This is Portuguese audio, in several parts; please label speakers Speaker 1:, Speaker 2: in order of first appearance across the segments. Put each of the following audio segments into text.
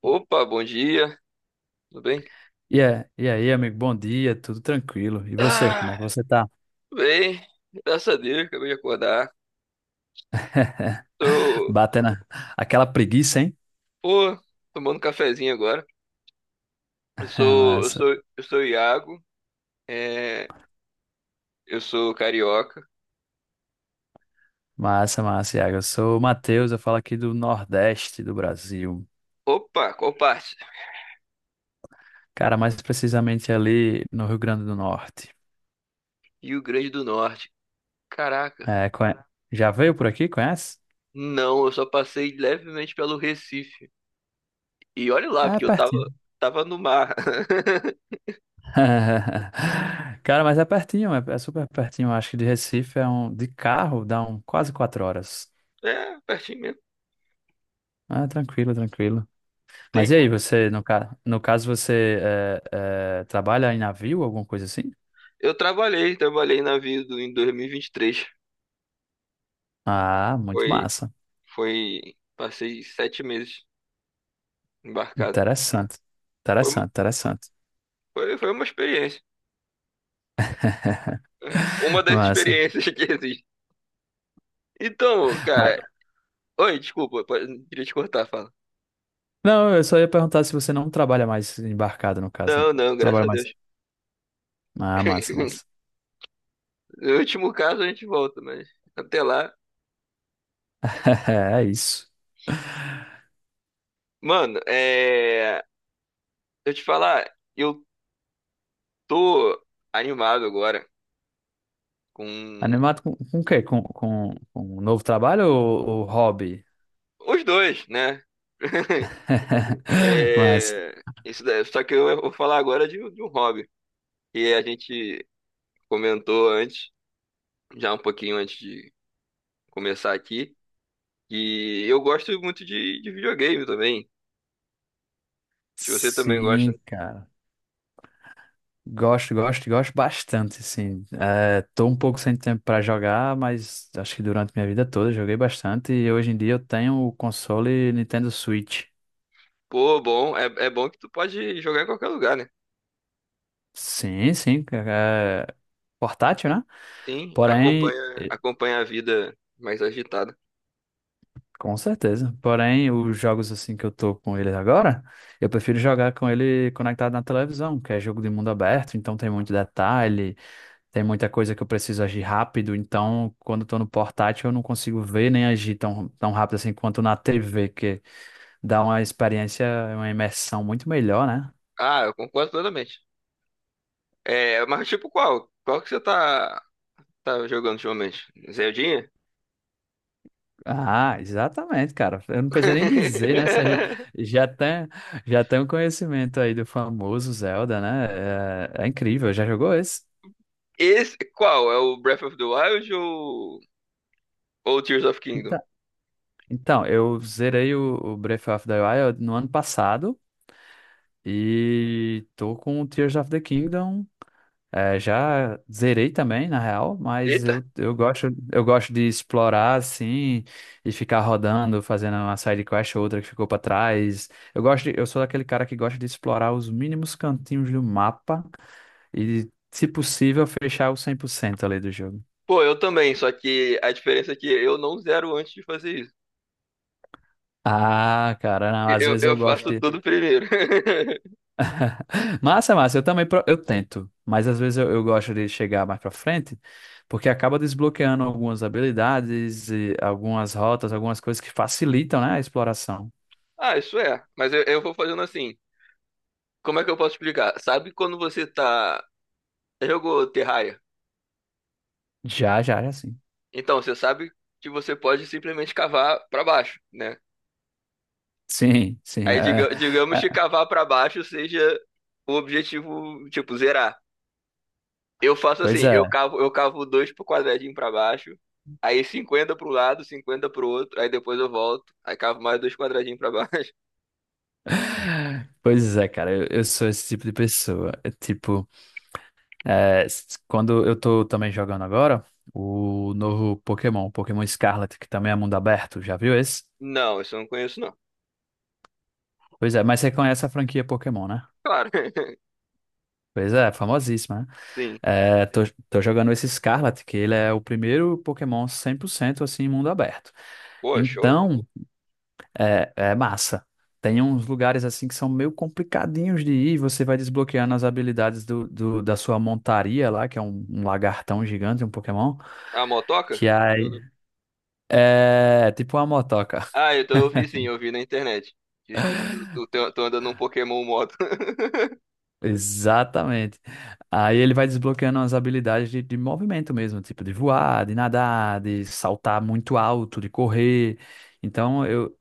Speaker 1: Opa, bom dia, tudo bem?
Speaker 2: E aí, amigo, bom dia, tudo tranquilo. E você, como é
Speaker 1: Ah,
Speaker 2: que você tá?
Speaker 1: tudo bem, graças a Deus, acabei de acordar. Tô,
Speaker 2: Batendo aquela preguiça, hein?
Speaker 1: pô, tomando cafezinho agora. Eu sou, eu Ah,
Speaker 2: Massa,
Speaker 1: sou, eu sou o Iago, é, eu sou carioca.
Speaker 2: massa, massa, Iago. Eu sou o Matheus, eu falo aqui do Nordeste do Brasil.
Speaker 1: Opa, qual parte?
Speaker 2: Cara, mais precisamente ali no Rio Grande do Norte.
Speaker 1: Rio Grande do Norte. Caraca,
Speaker 2: É. Já veio por aqui, conhece?
Speaker 1: não, eu só passei levemente pelo Recife. E olha lá,
Speaker 2: É
Speaker 1: porque eu tava,
Speaker 2: pertinho.
Speaker 1: tava no mar.
Speaker 2: Cara, mas é pertinho, é, é super pertinho. Acho que de Recife De carro dá um quase 4 horas.
Speaker 1: É, pertinho mesmo.
Speaker 2: Ah, tranquilo, tranquilo.
Speaker 1: Tem,
Speaker 2: Mas e
Speaker 1: co-
Speaker 2: aí, você, no caso, você trabalha em navio, alguma coisa assim?
Speaker 1: eu trabalhei na vida em 2023.
Speaker 2: Ah, muito
Speaker 1: Foi
Speaker 2: massa.
Speaker 1: passei 7 meses embarcado.
Speaker 2: Interessante.
Speaker 1: Foi, mu-
Speaker 2: Interessante, interessante.
Speaker 1: foi uma experiência, né? Uma das
Speaker 2: Massa.
Speaker 1: experiências que existe. Então,
Speaker 2: Mas.
Speaker 1: cara. Oi, desculpa, queria te cortar, fala.
Speaker 2: Não, eu só ia perguntar se você não trabalha mais embarcado, no caso. Não.
Speaker 1: Não, não, graças
Speaker 2: Trabalha
Speaker 1: a
Speaker 2: mais.
Speaker 1: Deus.
Speaker 2: Ah, massa, massa.
Speaker 1: No último caso a gente volta, mas até lá.
Speaker 2: É isso.
Speaker 1: Mano, é. Eu te falar, eu tô animado agora com
Speaker 2: Animado com o quê? Com um novo trabalho ou hobby?
Speaker 1: os dois, né?
Speaker 2: Massa.
Speaker 1: É, isso daí. Só que eu vou falar agora de um hobby. E a gente comentou antes, já um pouquinho antes de começar aqui. E eu gosto muito de videogame também. Se você também gosta,
Speaker 2: Sim,
Speaker 1: uhum.
Speaker 2: cara. Gosto, gosto, gosto bastante, sim. É, tô um pouco sem tempo para jogar, mas acho que durante minha vida toda eu joguei bastante e hoje em dia eu tenho o console Nintendo Switch.
Speaker 1: Pô, bom, é bom que tu pode jogar em qualquer lugar, né?
Speaker 2: Sim, sim, é portátil, né?
Speaker 1: Sim, claro.
Speaker 2: Porém.
Speaker 1: Acompanha a vida mais agitada.
Speaker 2: Com certeza. Porém, os jogos assim que eu tô com ele agora, eu prefiro jogar com ele conectado na televisão, que é jogo de mundo aberto, então tem muito detalhe, tem muita coisa que eu preciso agir rápido, então quando eu tô no portátil eu não consigo ver nem agir tão, tão rápido assim quanto na TV, que dá uma experiência, uma imersão muito melhor, né?
Speaker 1: Ah, eu concordo totalmente. É, mas tipo qual? Qual que você tá jogando ultimamente? Zeldinha?
Speaker 2: Ah, exatamente, cara. Eu não preciso nem dizer, né? Você já já tem, já tem um conhecimento aí do famoso Zelda, né? É, é incrível. Já jogou esse?
Speaker 1: Esse, qual? É o Breath of the Wild ou Tears of Kingdom?
Speaker 2: Então, eu zerei o Breath of the Wild no ano passado e tô com o Tears of the Kingdom. É, já zerei também, na real, mas
Speaker 1: Eita!
Speaker 2: eu gosto, eu gosto de explorar assim e ficar rodando, fazendo uma side quest ou outra que ficou pra trás. Eu sou daquele cara que gosta de explorar os mínimos cantinhos do mapa e, se possível, fechar o 100% ali do jogo.
Speaker 1: Pô, eu também, só que a diferença é que eu não zero antes de fazer isso.
Speaker 2: Ah, cara, não, às
Speaker 1: Eu,
Speaker 2: vezes eu
Speaker 1: eu
Speaker 2: gosto
Speaker 1: faço
Speaker 2: de.
Speaker 1: tudo primeiro.
Speaker 2: Massa, massa. Eu também eu tento, mas às vezes eu gosto de chegar mais pra frente, porque acaba desbloqueando algumas habilidades, e algumas rotas, algumas coisas que facilitam, né, a exploração.
Speaker 1: Ah, isso é. Mas eu vou fazendo assim. Como é que eu posso explicar? Sabe quando você tá. Jogou Terraria?
Speaker 2: Já, já, já sim.
Speaker 1: Então, você sabe que você pode simplesmente cavar pra baixo, né?
Speaker 2: Sim, sim.
Speaker 1: Aí, lá,
Speaker 2: É,
Speaker 1: digamos
Speaker 2: é,
Speaker 1: que cavar pra baixo seja o objetivo, tipo, zerar. Eu faço
Speaker 2: pois
Speaker 1: assim:
Speaker 2: é.
Speaker 1: eu cavo dois pro quadradinho pra baixo, aí 50 pro lado, 50 pro outro, aí depois eu volto, aí cavo mais dois quadradinhos pra baixo.
Speaker 2: Pois é, cara, eu sou esse tipo de pessoa. É tipo, é, quando eu tô também jogando agora, o novo Pokémon, Pokémon Scarlet, que também é mundo aberto, já viu esse?
Speaker 1: Não, isso eu não conheço, não.
Speaker 2: Pois é, mas você conhece a franquia Pokémon, né?
Speaker 1: Claro.
Speaker 2: Pois é, famosíssima, né?
Speaker 1: Sim.
Speaker 2: É, tô jogando esse Scarlet, que ele é o primeiro Pokémon 100% assim, em mundo aberto.
Speaker 1: Pô, show.
Speaker 2: Então, é massa. Tem uns lugares assim que são meio complicadinhos de ir, você vai desbloqueando as habilidades da sua montaria lá, que é um lagartão gigante, um Pokémon,
Speaker 1: A motoca?
Speaker 2: que aí
Speaker 1: Tô-
Speaker 2: é tipo uma motoca.
Speaker 1: Ah, eu vi, sim, eu vi na internet. Que Tu anda num Pokémon moto.
Speaker 2: Exatamente. Aí ele vai desbloqueando as habilidades de movimento mesmo, tipo de voar, de nadar, de saltar muito alto, de correr. Então, eu,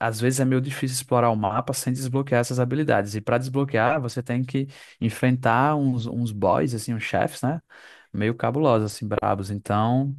Speaker 2: Às vezes é meio difícil explorar o mapa sem desbloquear essas habilidades. E para desbloquear, você tem que enfrentar uns boys, assim, uns chefes, né? Meio cabulosos, assim, brabos. Então,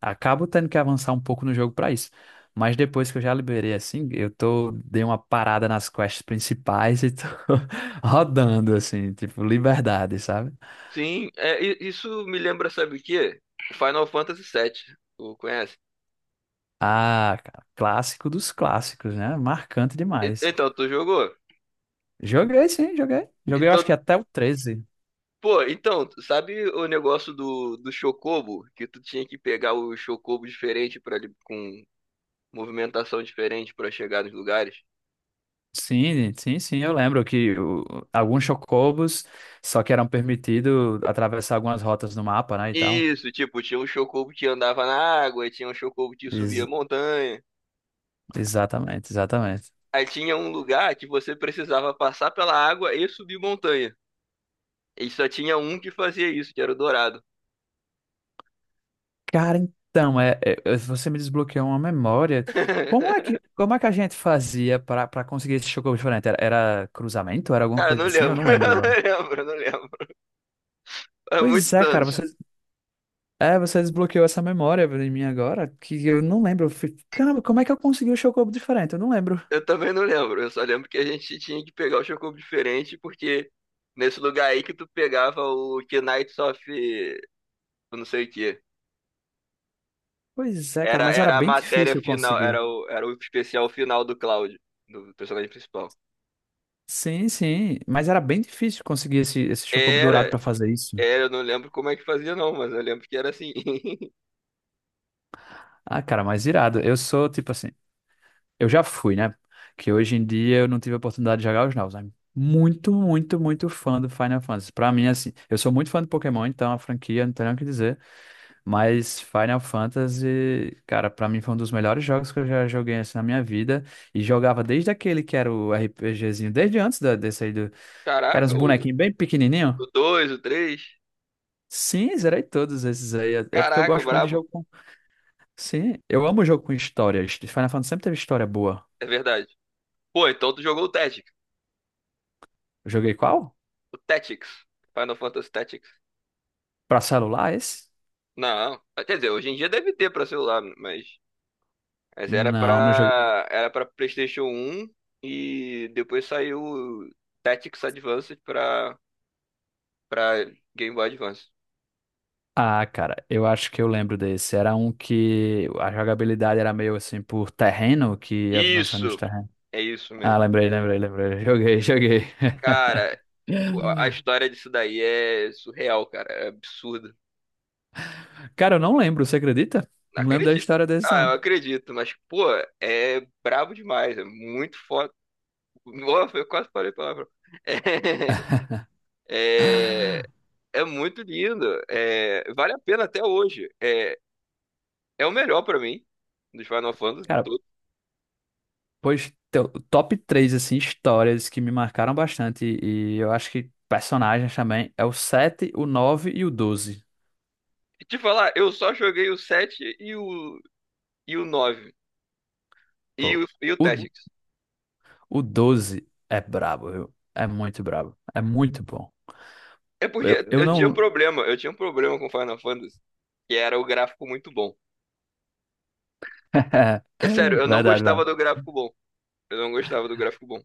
Speaker 2: acabo tendo que avançar um pouco no jogo para isso. Mas depois que eu já liberei, assim, dei uma parada nas quests principais e tô rodando, assim, tipo, liberdade, sabe?
Speaker 1: Sim, é, isso me lembra, sabe o quê? Final Fantasy VII. Tu conhece?
Speaker 2: Ah, cara, clássico dos clássicos, né? Marcante demais.
Speaker 1: Então, tu jogou?
Speaker 2: Joguei, sim, joguei. Joguei, eu acho que
Speaker 1: Então,
Speaker 2: até o 13.
Speaker 1: pô, então, sabe o negócio do Chocobo? Que tu tinha que pegar o Chocobo diferente para com movimentação diferente pra chegar nos lugares?
Speaker 2: Sim, sim, sim, eu lembro que alguns chocobos só que eram permitidos atravessar algumas rotas no mapa, né, e tal.
Speaker 1: Isso, tipo, tinha um Chocobo que andava na água, e tinha um Chocobo que subia
Speaker 2: Ex-
Speaker 1: montanha.
Speaker 2: Exatamente, exatamente.
Speaker 1: Aí tinha um lugar que você precisava passar pela água e subir montanha. E só tinha um que fazia isso, que era o Dourado.
Speaker 2: Cara, então, você me desbloqueou uma memória. Como é que, como é que a gente fazia para conseguir esse chocobo diferente? Era cruzamento? Era alguma
Speaker 1: Cara, não
Speaker 2: coisa assim? Eu
Speaker 1: lembro,
Speaker 2: não lembro
Speaker 1: não
Speaker 2: agora.
Speaker 1: lembro, não lembro. Há muitos
Speaker 2: Pois é, cara,
Speaker 1: anos.
Speaker 2: você desbloqueou essa memória em mim agora, que eu não lembro. Eu fui, caramba, como é que eu consegui o chocobo diferente? Eu não lembro.
Speaker 1: Eu também não lembro. Eu só lembro que a gente tinha que pegar o Chocobo diferente, porque nesse lugar aí que tu pegava o Knights of, eu não sei o quê.
Speaker 2: Pois é, cara,
Speaker 1: Era,
Speaker 2: mas era
Speaker 1: era a
Speaker 2: bem
Speaker 1: matéria
Speaker 2: difícil
Speaker 1: final,
Speaker 2: conseguir.
Speaker 1: era o especial final do Cloud, do personagem principal.
Speaker 2: Sim, sim. Mas era bem difícil conseguir esse chocobo dourado pra
Speaker 1: Era,
Speaker 2: fazer isso.
Speaker 1: eu não lembro como é que fazia, não, mas eu lembro que era assim.
Speaker 2: Ah, cara, mas irado. Eu sou tipo assim. Eu já fui, né? Que hoje em dia eu não tive a oportunidade de jogar os novos. Mas muito, muito, muito fã do Final Fantasy. Pra mim, assim, eu sou muito fã do Pokémon, então a franquia não tem nem o que dizer. Mas Final Fantasy, cara, pra mim foi um dos melhores jogos que eu já joguei assim, na minha vida. E jogava desde aquele que era o RPGzinho, desde antes da, desse aí do. Que eram
Speaker 1: Caraca,
Speaker 2: uns
Speaker 1: o
Speaker 2: bonequinhos bem pequenininhos.
Speaker 1: 2, o 3.
Speaker 2: Sim, zerei todos esses aí. É porque eu
Speaker 1: Caraca,
Speaker 2: gosto muito de
Speaker 1: brabo.
Speaker 2: jogo com. Sim, eu amo jogo com história. Final Fantasy sempre teve história boa.
Speaker 1: É verdade. Pô, então tu jogou o Tactics.
Speaker 2: Joguei qual?
Speaker 1: O Tactics. Final Fantasy Tactics.
Speaker 2: Pra celular, esse?
Speaker 1: Não. Quer dizer, hoje em dia deve ter pra celular, mas.
Speaker 2: Não, não joguei.
Speaker 1: Era pra PlayStation um e depois saiu o Tactics Advanced pra Game Boy Advance.
Speaker 2: Ah, cara, eu acho que eu lembro desse. Era um que a jogabilidade era meio assim por terreno, que ia avançando nos
Speaker 1: Isso!
Speaker 2: terrenos.
Speaker 1: É isso
Speaker 2: Ah,
Speaker 1: mesmo.
Speaker 2: lembrei, lembrei, lembrei. Joguei, joguei.
Speaker 1: Cara, a história disso daí é surreal, cara. É absurdo.
Speaker 2: Cara, eu não lembro, você acredita?
Speaker 1: Não
Speaker 2: Não lembro da
Speaker 1: acredito.
Speaker 2: história desse,
Speaker 1: Ah, eu
Speaker 2: não.
Speaker 1: acredito, mas, pô, é brabo demais, é muito foda. Nossa, eu quase falei palavrão. É, é, é muito lindo, é, vale a pena até hoje. É o melhor pra mim, dos Final Fantasy
Speaker 2: Cara,
Speaker 1: todos.
Speaker 2: pois, top três assim, histórias que me marcaram bastante, e eu acho que personagens também, é o 7 o 9 e o 12.
Speaker 1: E te falar, eu só joguei o sete e o 9 e
Speaker 2: Pô,
Speaker 1: o, e o
Speaker 2: o,
Speaker 1: Tactics.
Speaker 2: o 12 é brabo, viu? É muito brabo. É muito bom.
Speaker 1: É porque
Speaker 2: Eu
Speaker 1: eu tinha um
Speaker 2: não.
Speaker 1: problema, eu tinha um problema com Final Fantasy, que era o gráfico muito bom. É sério, eu não
Speaker 2: Verdade,
Speaker 1: gostava
Speaker 2: verdade.
Speaker 1: do gráfico bom. Eu não gostava do gráfico bom.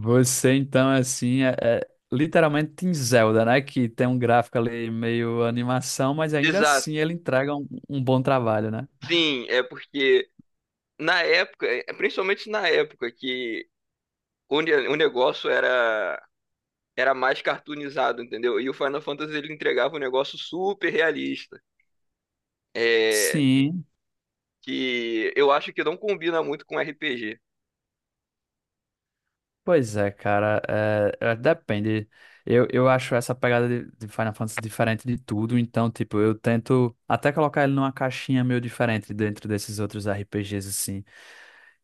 Speaker 2: Você, então, assim, é literalmente em Zelda, né? Que tem um gráfico ali meio animação, mas ainda
Speaker 1: Exato.
Speaker 2: assim ele entrega um bom trabalho, né?
Speaker 1: Sim, é porque na época, principalmente na época que o negócio era mais cartoonizado, entendeu? E o Final Fantasy ele entregava um negócio super realista, é,
Speaker 2: Sim.
Speaker 1: que eu acho que não combina muito com RPG.
Speaker 2: Pois é, cara, depende. Eu acho essa pegada de Final Fantasy diferente de tudo, então, tipo, eu tento até colocar ele numa caixinha meio diferente dentro desses outros RPGs, assim.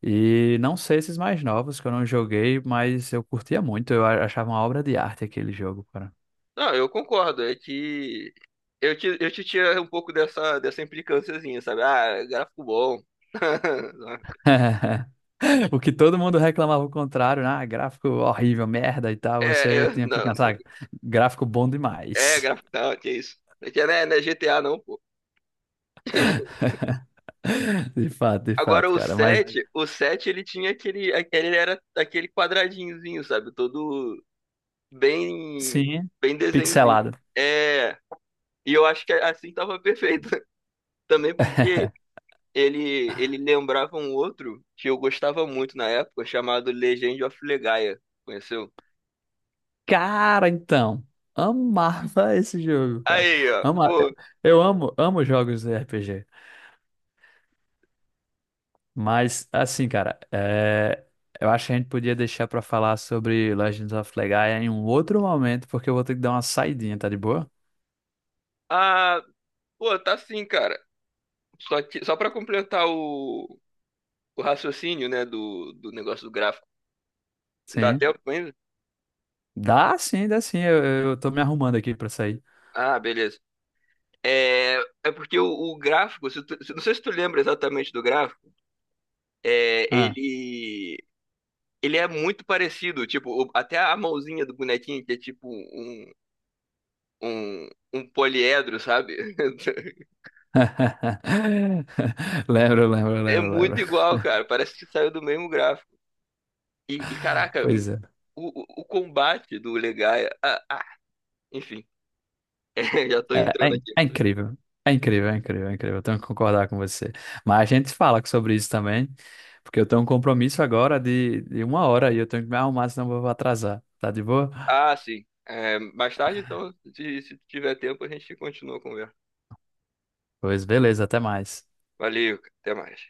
Speaker 2: E não sei esses mais novos que eu não joguei, mas eu curtia muito, eu achava uma obra de arte aquele jogo, cara.
Speaker 1: Não, eu concordo, é que eu te tiro um pouco dessa implicânciazinha, sabe? Ah, gráfico bom.
Speaker 2: O que todo mundo reclamava o contrário, né? Ah, gráfico horrível, merda e tal,
Speaker 1: É,
Speaker 2: você tinha que
Speaker 1: não,
Speaker 2: pensar, "Ah, gráfico bom
Speaker 1: é
Speaker 2: demais.
Speaker 1: gráfico, não, que isso. É que né, não é GTA não, pô.
Speaker 2: De
Speaker 1: Agora
Speaker 2: fato,
Speaker 1: o
Speaker 2: cara. Mas.
Speaker 1: Aí, o 7 ele tinha aquele ele era aquele quadradinhozinho, sabe? Todo bem,
Speaker 2: Sim,
Speaker 1: bem desenhozinho.
Speaker 2: pixelado.
Speaker 1: É, e eu acho que assim tava perfeito. Também porque ele lembrava um outro que eu gostava muito na época, chamado Legend of Legaia. Conheceu?
Speaker 2: Cara, então, amava esse jogo, cara.
Speaker 1: Aí, ó,
Speaker 2: Ama...
Speaker 1: pô.
Speaker 2: Eu amo, amo jogos de RPG. Mas, assim, cara, é, eu acho que a gente podia deixar pra falar sobre Legends of Legaia em um outro momento, porque eu vou ter que dar uma saidinha, tá de boa?
Speaker 1: Ah, pô, tá assim, cara. Só que, só para completar o raciocínio, né, do negócio do gráfico. Dá
Speaker 2: Sim.
Speaker 1: tempo ainda?
Speaker 2: Dá sim, dá sim. Eu tô me arrumando aqui pra sair.
Speaker 1: Ah, beleza. É, é porque o gráfico, se tu- se- não sei se tu lembra exatamente do gráfico, é,
Speaker 2: Ah.
Speaker 1: ele é muito parecido, tipo, até a mãozinha do bonequinho, que é tipo um, um poliedro, sabe?
Speaker 2: Lembro, lembro,
Speaker 1: É
Speaker 2: lembro,
Speaker 1: muito
Speaker 2: lembro.
Speaker 1: igual, cara, parece que saiu do mesmo gráfico. Caraca,
Speaker 2: Pois é.
Speaker 1: o combate do Legaia, enfim, é, já tô
Speaker 2: É, é
Speaker 1: entrando
Speaker 2: in-
Speaker 1: aqui.
Speaker 2: é incrível. É incrível, é incrível, é incrível. Eu tenho que concordar com você. Mas a gente fala sobre isso também, porque eu tenho um compromisso agora de 1 hora e eu tenho que me arrumar, senão eu vou atrasar. Tá de boa?
Speaker 1: Ah, sim, é, mais tarde então, se tiver tempo, a gente continua a conversa.
Speaker 2: Pois beleza, até mais.
Speaker 1: Valeu, cara, até mais.